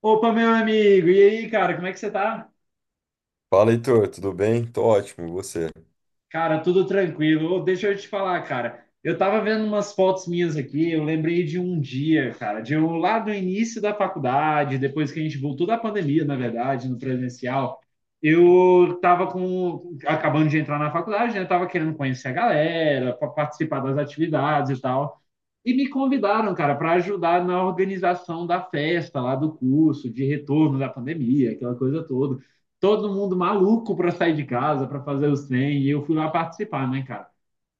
Opa, meu amigo, e aí, cara, como é que você tá? Fala, Heitor, tudo bem? Tô ótimo, e você? Cara, tudo tranquilo. Ô, deixa eu te falar, cara. Eu tava vendo umas fotos minhas aqui, eu lembrei de um dia, cara, de um lá do início da faculdade, depois que a gente voltou da pandemia, na verdade, no presencial. Eu tava com, acabando de entrar na faculdade, né? Tava querendo conhecer a galera, participar das atividades e tal. E me convidaram, cara, para ajudar na organização da festa lá do curso, de retorno da pandemia, aquela coisa toda. Todo mundo maluco para sair de casa, para fazer o 100, e eu fui lá participar, né, cara?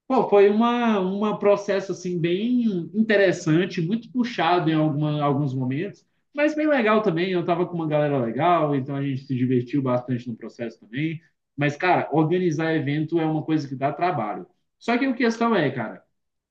Pô, foi uma processo assim bem interessante, muito puxado em alguns momentos, mas bem legal também. Eu tava com uma galera legal, então a gente se divertiu bastante no processo também. Mas, cara, organizar evento é uma coisa que dá trabalho. Só que a questão é, cara,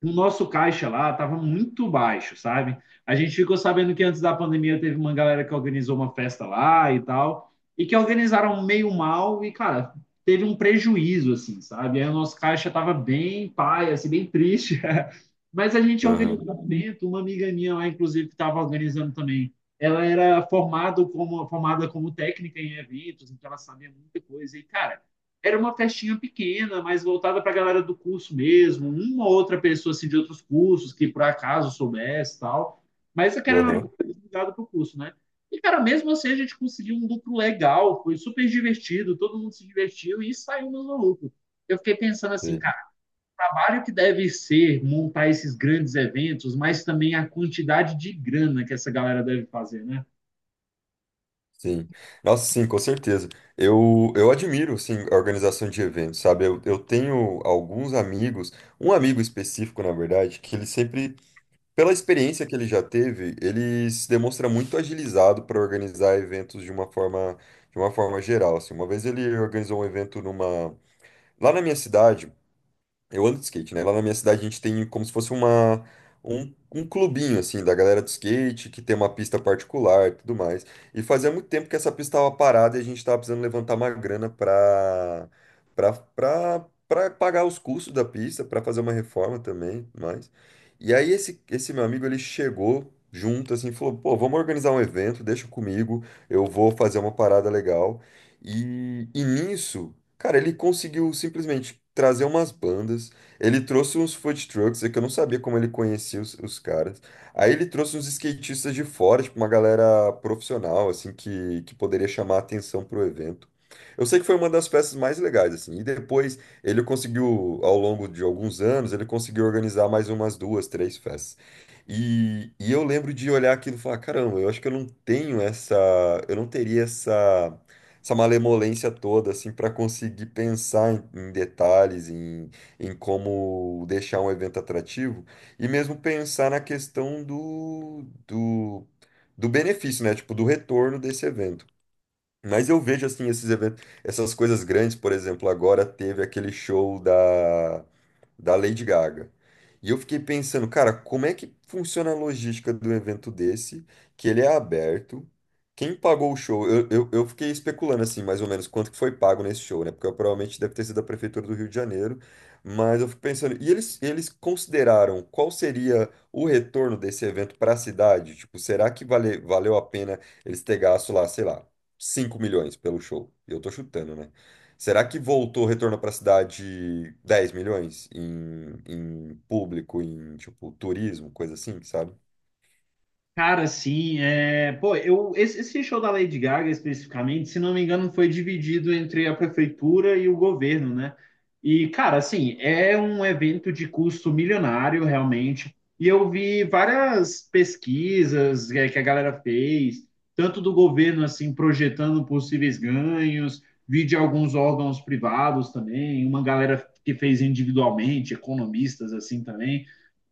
o nosso caixa lá estava muito baixo, sabe? A gente ficou sabendo que antes da pandemia teve uma galera que organizou uma festa lá e tal, e que organizaram meio mal, e, cara, teve um prejuízo, assim, sabe? Aí o nosso caixa estava bem paia, assim, bem triste. Mas a gente Aham, organizou um evento, uma amiga minha lá, inclusive, que estava organizando também, ela era formada como técnica em eventos, então ela sabia muita coisa. E, cara, era uma festinha pequena, mas voltada para a galera do curso mesmo, uma ou outra pessoa assim, de outros cursos que por acaso soubesse e tal. Mas aquela era uma aham, coisa ligada para o curso, né? E, cara, mesmo assim a gente conseguiu um lucro legal, foi super divertido, todo mundo se divertiu e saiu no lucro. Eu fiquei pensando assim, sei, cara, o trabalho que deve ser montar esses grandes eventos, mas também a quantidade de grana que essa galera deve fazer, né? sim. Nossa, sim, com certeza. Eu admiro, sim, a organização de eventos, sabe? Eu tenho alguns amigos, um amigo específico, na verdade, que ele sempre, pela experiência que ele já teve, ele se demonstra muito agilizado para organizar eventos de uma forma geral, assim. Uma vez ele organizou um evento numa, lá na minha cidade. Eu ando de skate, né? Lá na minha cidade a gente tem como se fosse uma, um clubinho, assim, da galera do skate, que tem uma pista particular e tudo mais. E fazia muito tempo que essa pista estava parada e a gente estava precisando levantar uma grana para pagar os custos da pista, para fazer uma reforma também, e tudo mais. E aí esse meu amigo, ele chegou junto, assim, e falou, pô, vamos organizar um evento, deixa comigo, eu vou fazer uma parada legal. E nisso... Cara, ele conseguiu simplesmente trazer umas bandas, ele trouxe uns food trucks, é que eu não sabia como ele conhecia os caras. Aí ele trouxe uns skatistas de fora, tipo uma galera profissional, assim, que poderia chamar a atenção pro evento. Eu sei que foi uma das festas mais legais, assim. E depois ele conseguiu, ao longo de alguns anos, ele conseguiu organizar mais umas duas, três festas. E eu lembro de olhar aquilo e falar, caramba, eu acho que eu não tenho essa, eu não teria essa essa malemolência toda, assim, para conseguir pensar em, em detalhes, em, em como deixar um evento atrativo, e mesmo pensar na questão do benefício, né? Tipo, do retorno desse evento. Mas eu vejo assim esses eventos, essas coisas grandes, por exemplo, agora teve aquele show da, da Lady Gaga. E eu fiquei pensando, cara, como é que funciona a logística de um evento desse, que ele é aberto? Quem pagou o show? Eu fiquei especulando assim, mais ou menos, quanto que foi pago nesse show, né? Porque eu, provavelmente deve ter sido a Prefeitura do Rio de Janeiro. Mas eu fico pensando, e eles consideraram qual seria o retorno desse evento para a cidade? Tipo, será que vale, valeu a pena eles ter gasto lá, sei lá, 5 milhões pelo show. Eu tô chutando, né? Será que voltou o retorno para a cidade 10 milhões em, em público, em tipo turismo, coisa assim, sabe? Cara, assim, eu... esse show da Lady Gaga especificamente, se não me engano, foi dividido entre a prefeitura e o governo, né? E, cara, assim, é um evento de custo milionário, realmente. E eu vi várias pesquisas que a galera fez, tanto do governo, assim, projetando possíveis ganhos, vi de alguns órgãos privados também, uma galera que fez individualmente, economistas, assim, também.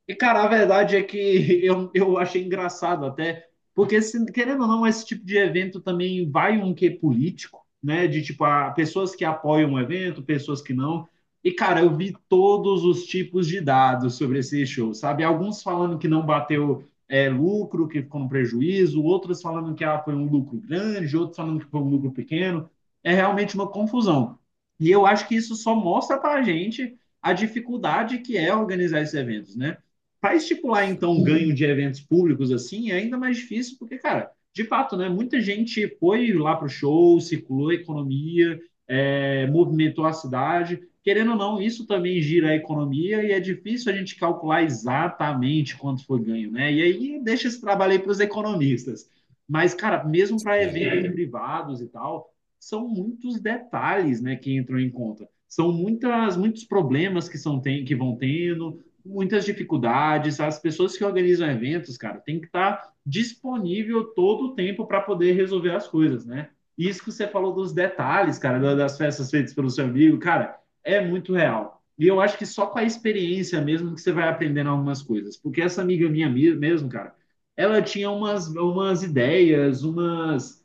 E, cara, a verdade é que eu achei engraçado até, porque, querendo ou não, esse tipo de evento também vai um quê político, né? De tipo, a, pessoas que apoiam o evento, pessoas que não. E, cara, eu vi todos os tipos de dados sobre esse show, sabe? Alguns falando que não bateu lucro, que ficou no prejuízo, outros falando que ah, foi um lucro grande, outros falando que foi um lucro pequeno. É realmente uma confusão. E eu acho que isso só mostra pra gente a dificuldade que é organizar esses eventos, né? Para estipular, então, um ganho de eventos públicos assim é ainda mais difícil, porque, cara, de fato, né, muita gente foi lá para o show, circulou a economia, movimentou a cidade. Querendo ou não, isso também gira a economia e é difícil a gente calcular exatamente quanto foi ganho, né? E aí deixa esse trabalho aí para os economistas. Mas, cara, mesmo para Sim. eventos é. Privados e tal, são muitos detalhes né, que entram em conta. São muitos problemas que vão tendo, muitas dificuldades. As pessoas que organizam eventos, cara, tem que estar disponível todo o tempo para poder resolver as coisas, né? Isso que você falou dos detalhes, cara, das festas feitas pelo seu amigo, cara, é muito real. E eu acho que só com a experiência mesmo que você vai aprendendo algumas coisas. Porque essa amiga minha mesmo, cara, ela tinha umas ideias, umas.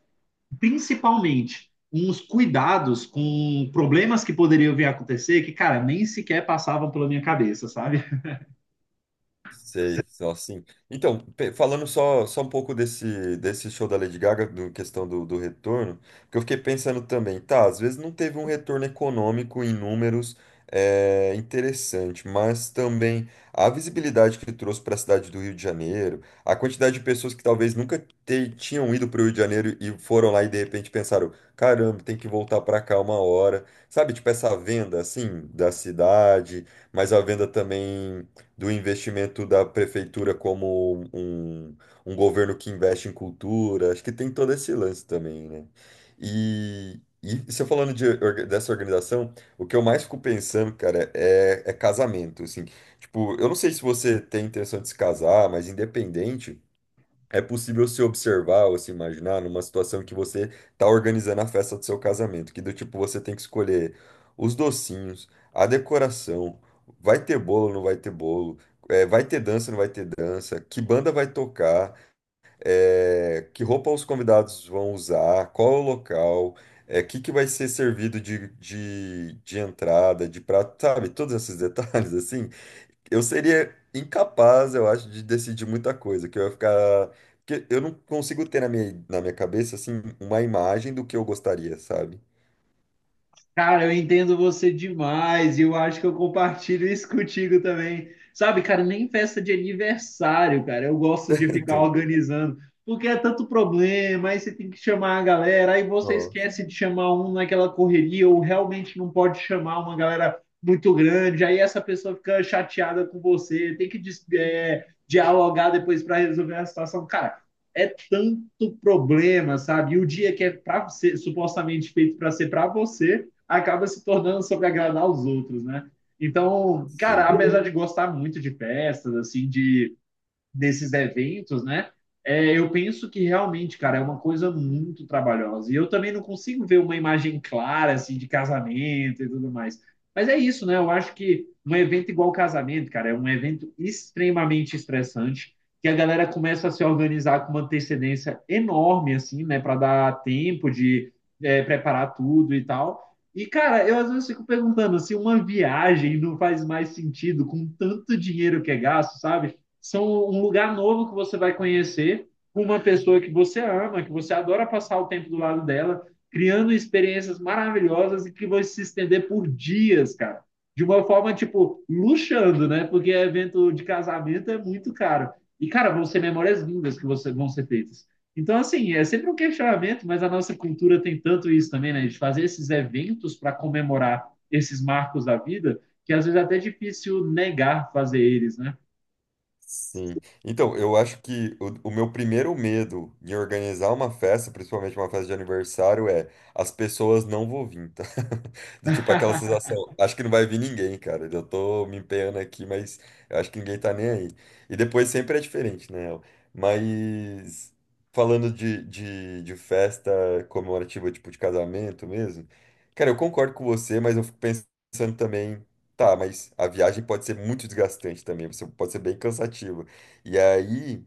Principalmente, uns cuidados com problemas que poderiam vir a acontecer que, cara, nem sequer passavam pela minha cabeça, sabe? Sei, só assim. Então, falando só, só um pouco desse, desse show da Lady Gaga, do questão do, do retorno, que eu fiquei pensando também, tá, às vezes não teve um retorno econômico em números é, interessante, mas também a visibilidade que trouxe para a cidade do Rio de Janeiro, a quantidade de pessoas que talvez nunca tinham ido para o Rio de Janeiro e foram lá e de repente pensaram, caramba, tem que voltar para cá uma hora, sabe, tipo essa venda assim da cidade, mas a venda também do investimento da prefeitura como um governo que investe em cultura. Acho que tem todo esse lance também, né? E se eu falando de dessa organização, o que eu mais fico pensando, cara, é, é casamento, assim. Tipo, eu não sei se você tem intenção de se casar, mas independente. É possível se observar ou se imaginar numa situação que você tá organizando a festa do seu casamento, que do tipo você tem que escolher os docinhos, a decoração, vai ter bolo, não vai ter bolo, vai ter dança, não vai ter dança, que banda vai tocar, que roupa os convidados vão usar, qual é o local, o que que vai ser servido de entrada, de prato, sabe? Todos esses detalhes assim. Eu seria incapaz, eu acho, de decidir muita coisa, que eu ia ficar. Porque eu não consigo ter na minha cabeça, assim, uma imagem do que eu gostaria, sabe? Cara, eu entendo você demais e eu acho que eu compartilho isso contigo também. Sabe, cara, nem festa de aniversário, cara, eu gosto de ficar Então, organizando, porque é tanto problema, aí você tem que chamar a galera, aí você nossa, esquece de chamar um naquela correria ou realmente não pode chamar uma galera muito grande, aí essa pessoa fica chateada com você, tem que dialogar depois para resolver a situação. Cara, é tanto problema, sabe? E o dia que é para ser supostamente feito para ser para você acaba se tornando sobre agradar os outros, né? Então, cara, sim. apesar de gostar muito de festas, assim, de desses eventos, né? É, eu penso que realmente, cara, é uma coisa muito trabalhosa. E eu também não consigo ver uma imagem clara, assim, de casamento e tudo mais. Mas é isso, né? Eu acho que um evento igual casamento, cara, é um evento extremamente estressante, que a galera começa a se organizar com uma antecedência enorme, assim, né? Para dar tempo de preparar tudo e tal. E, cara, eu às vezes fico perguntando se uma viagem não faz mais sentido com tanto dinheiro que é gasto, sabe? São um lugar novo que você vai conhecer, com uma pessoa que você ama, que você adora passar o tempo do lado dela, criando experiências maravilhosas e que vão se estender por dias, cara. De uma forma, tipo, luxando, né? Porque evento de casamento é muito caro. E, cara, vão ser memórias lindas que você, vão ser feitas. Então, assim, é sempre um questionamento, mas a nossa cultura tem tanto isso também, né? De fazer esses eventos para comemorar esses marcos da vida, que às vezes é até difícil negar fazer eles, né? Sim. Então, eu acho que o meu primeiro medo em organizar uma festa, principalmente uma festa de aniversário, é as pessoas não vão vir, tá? Do tipo aquela sensação, acho que não vai vir ninguém, cara. Eu tô me empenhando aqui, mas eu acho que ninguém tá nem aí. E depois sempre é diferente, né? Mas falando de festa comemorativa, tipo de casamento mesmo, cara, eu concordo com você, mas eu fico pensando também. Tá, mas a viagem pode ser muito desgastante também, você pode ser bem cansativa. E aí,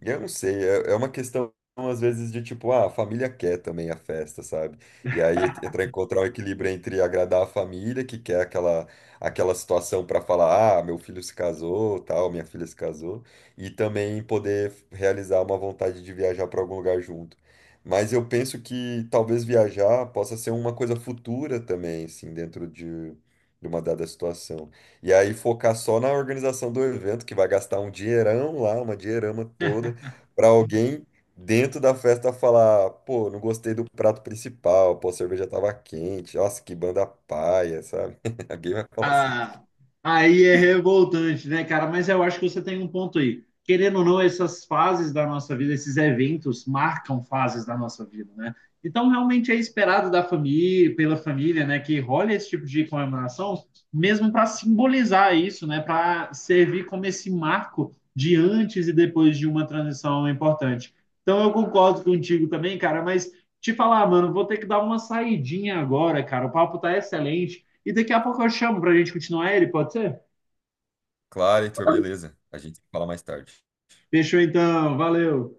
eu não sei, é é uma questão, às vezes, de tipo, ah, a família quer também a festa, sabe? E aí entra encontrar o equilíbrio entre agradar a família, que quer aquela, aquela situação para falar, ah, meu filho se casou, tal, minha filha se casou, e também poder realizar uma vontade de viajar para algum lugar junto. Mas eu penso que talvez viajar possa ser uma coisa futura também, assim, dentro de uma dada situação. E aí focar só na organização do evento, que vai gastar um dinheirão lá, uma dinheirama toda para alguém dentro da festa falar, pô, não gostei do prato principal, pô, a cerveja tava quente, nossa, que banda paia, sabe? Alguém vai falar assim. Ah, aí é revoltante, né, cara? Mas eu acho que você tem um ponto aí. Querendo ou não, essas fases da nossa vida, esses eventos marcam fases da nossa vida, né? Então, realmente é esperado da família, pela família, né, que role esse tipo de comemoração, mesmo para simbolizar isso, né, para servir como esse marco de antes e depois de uma transição importante. Então, eu concordo contigo também, cara, mas te falar, mano, vou ter que dar uma saidinha agora, cara. O papo tá excelente e daqui a pouco eu chamo pra gente continuar ele, pode ser? Claro, Heitor, beleza. A gente fala mais tarde. Fechou então, valeu.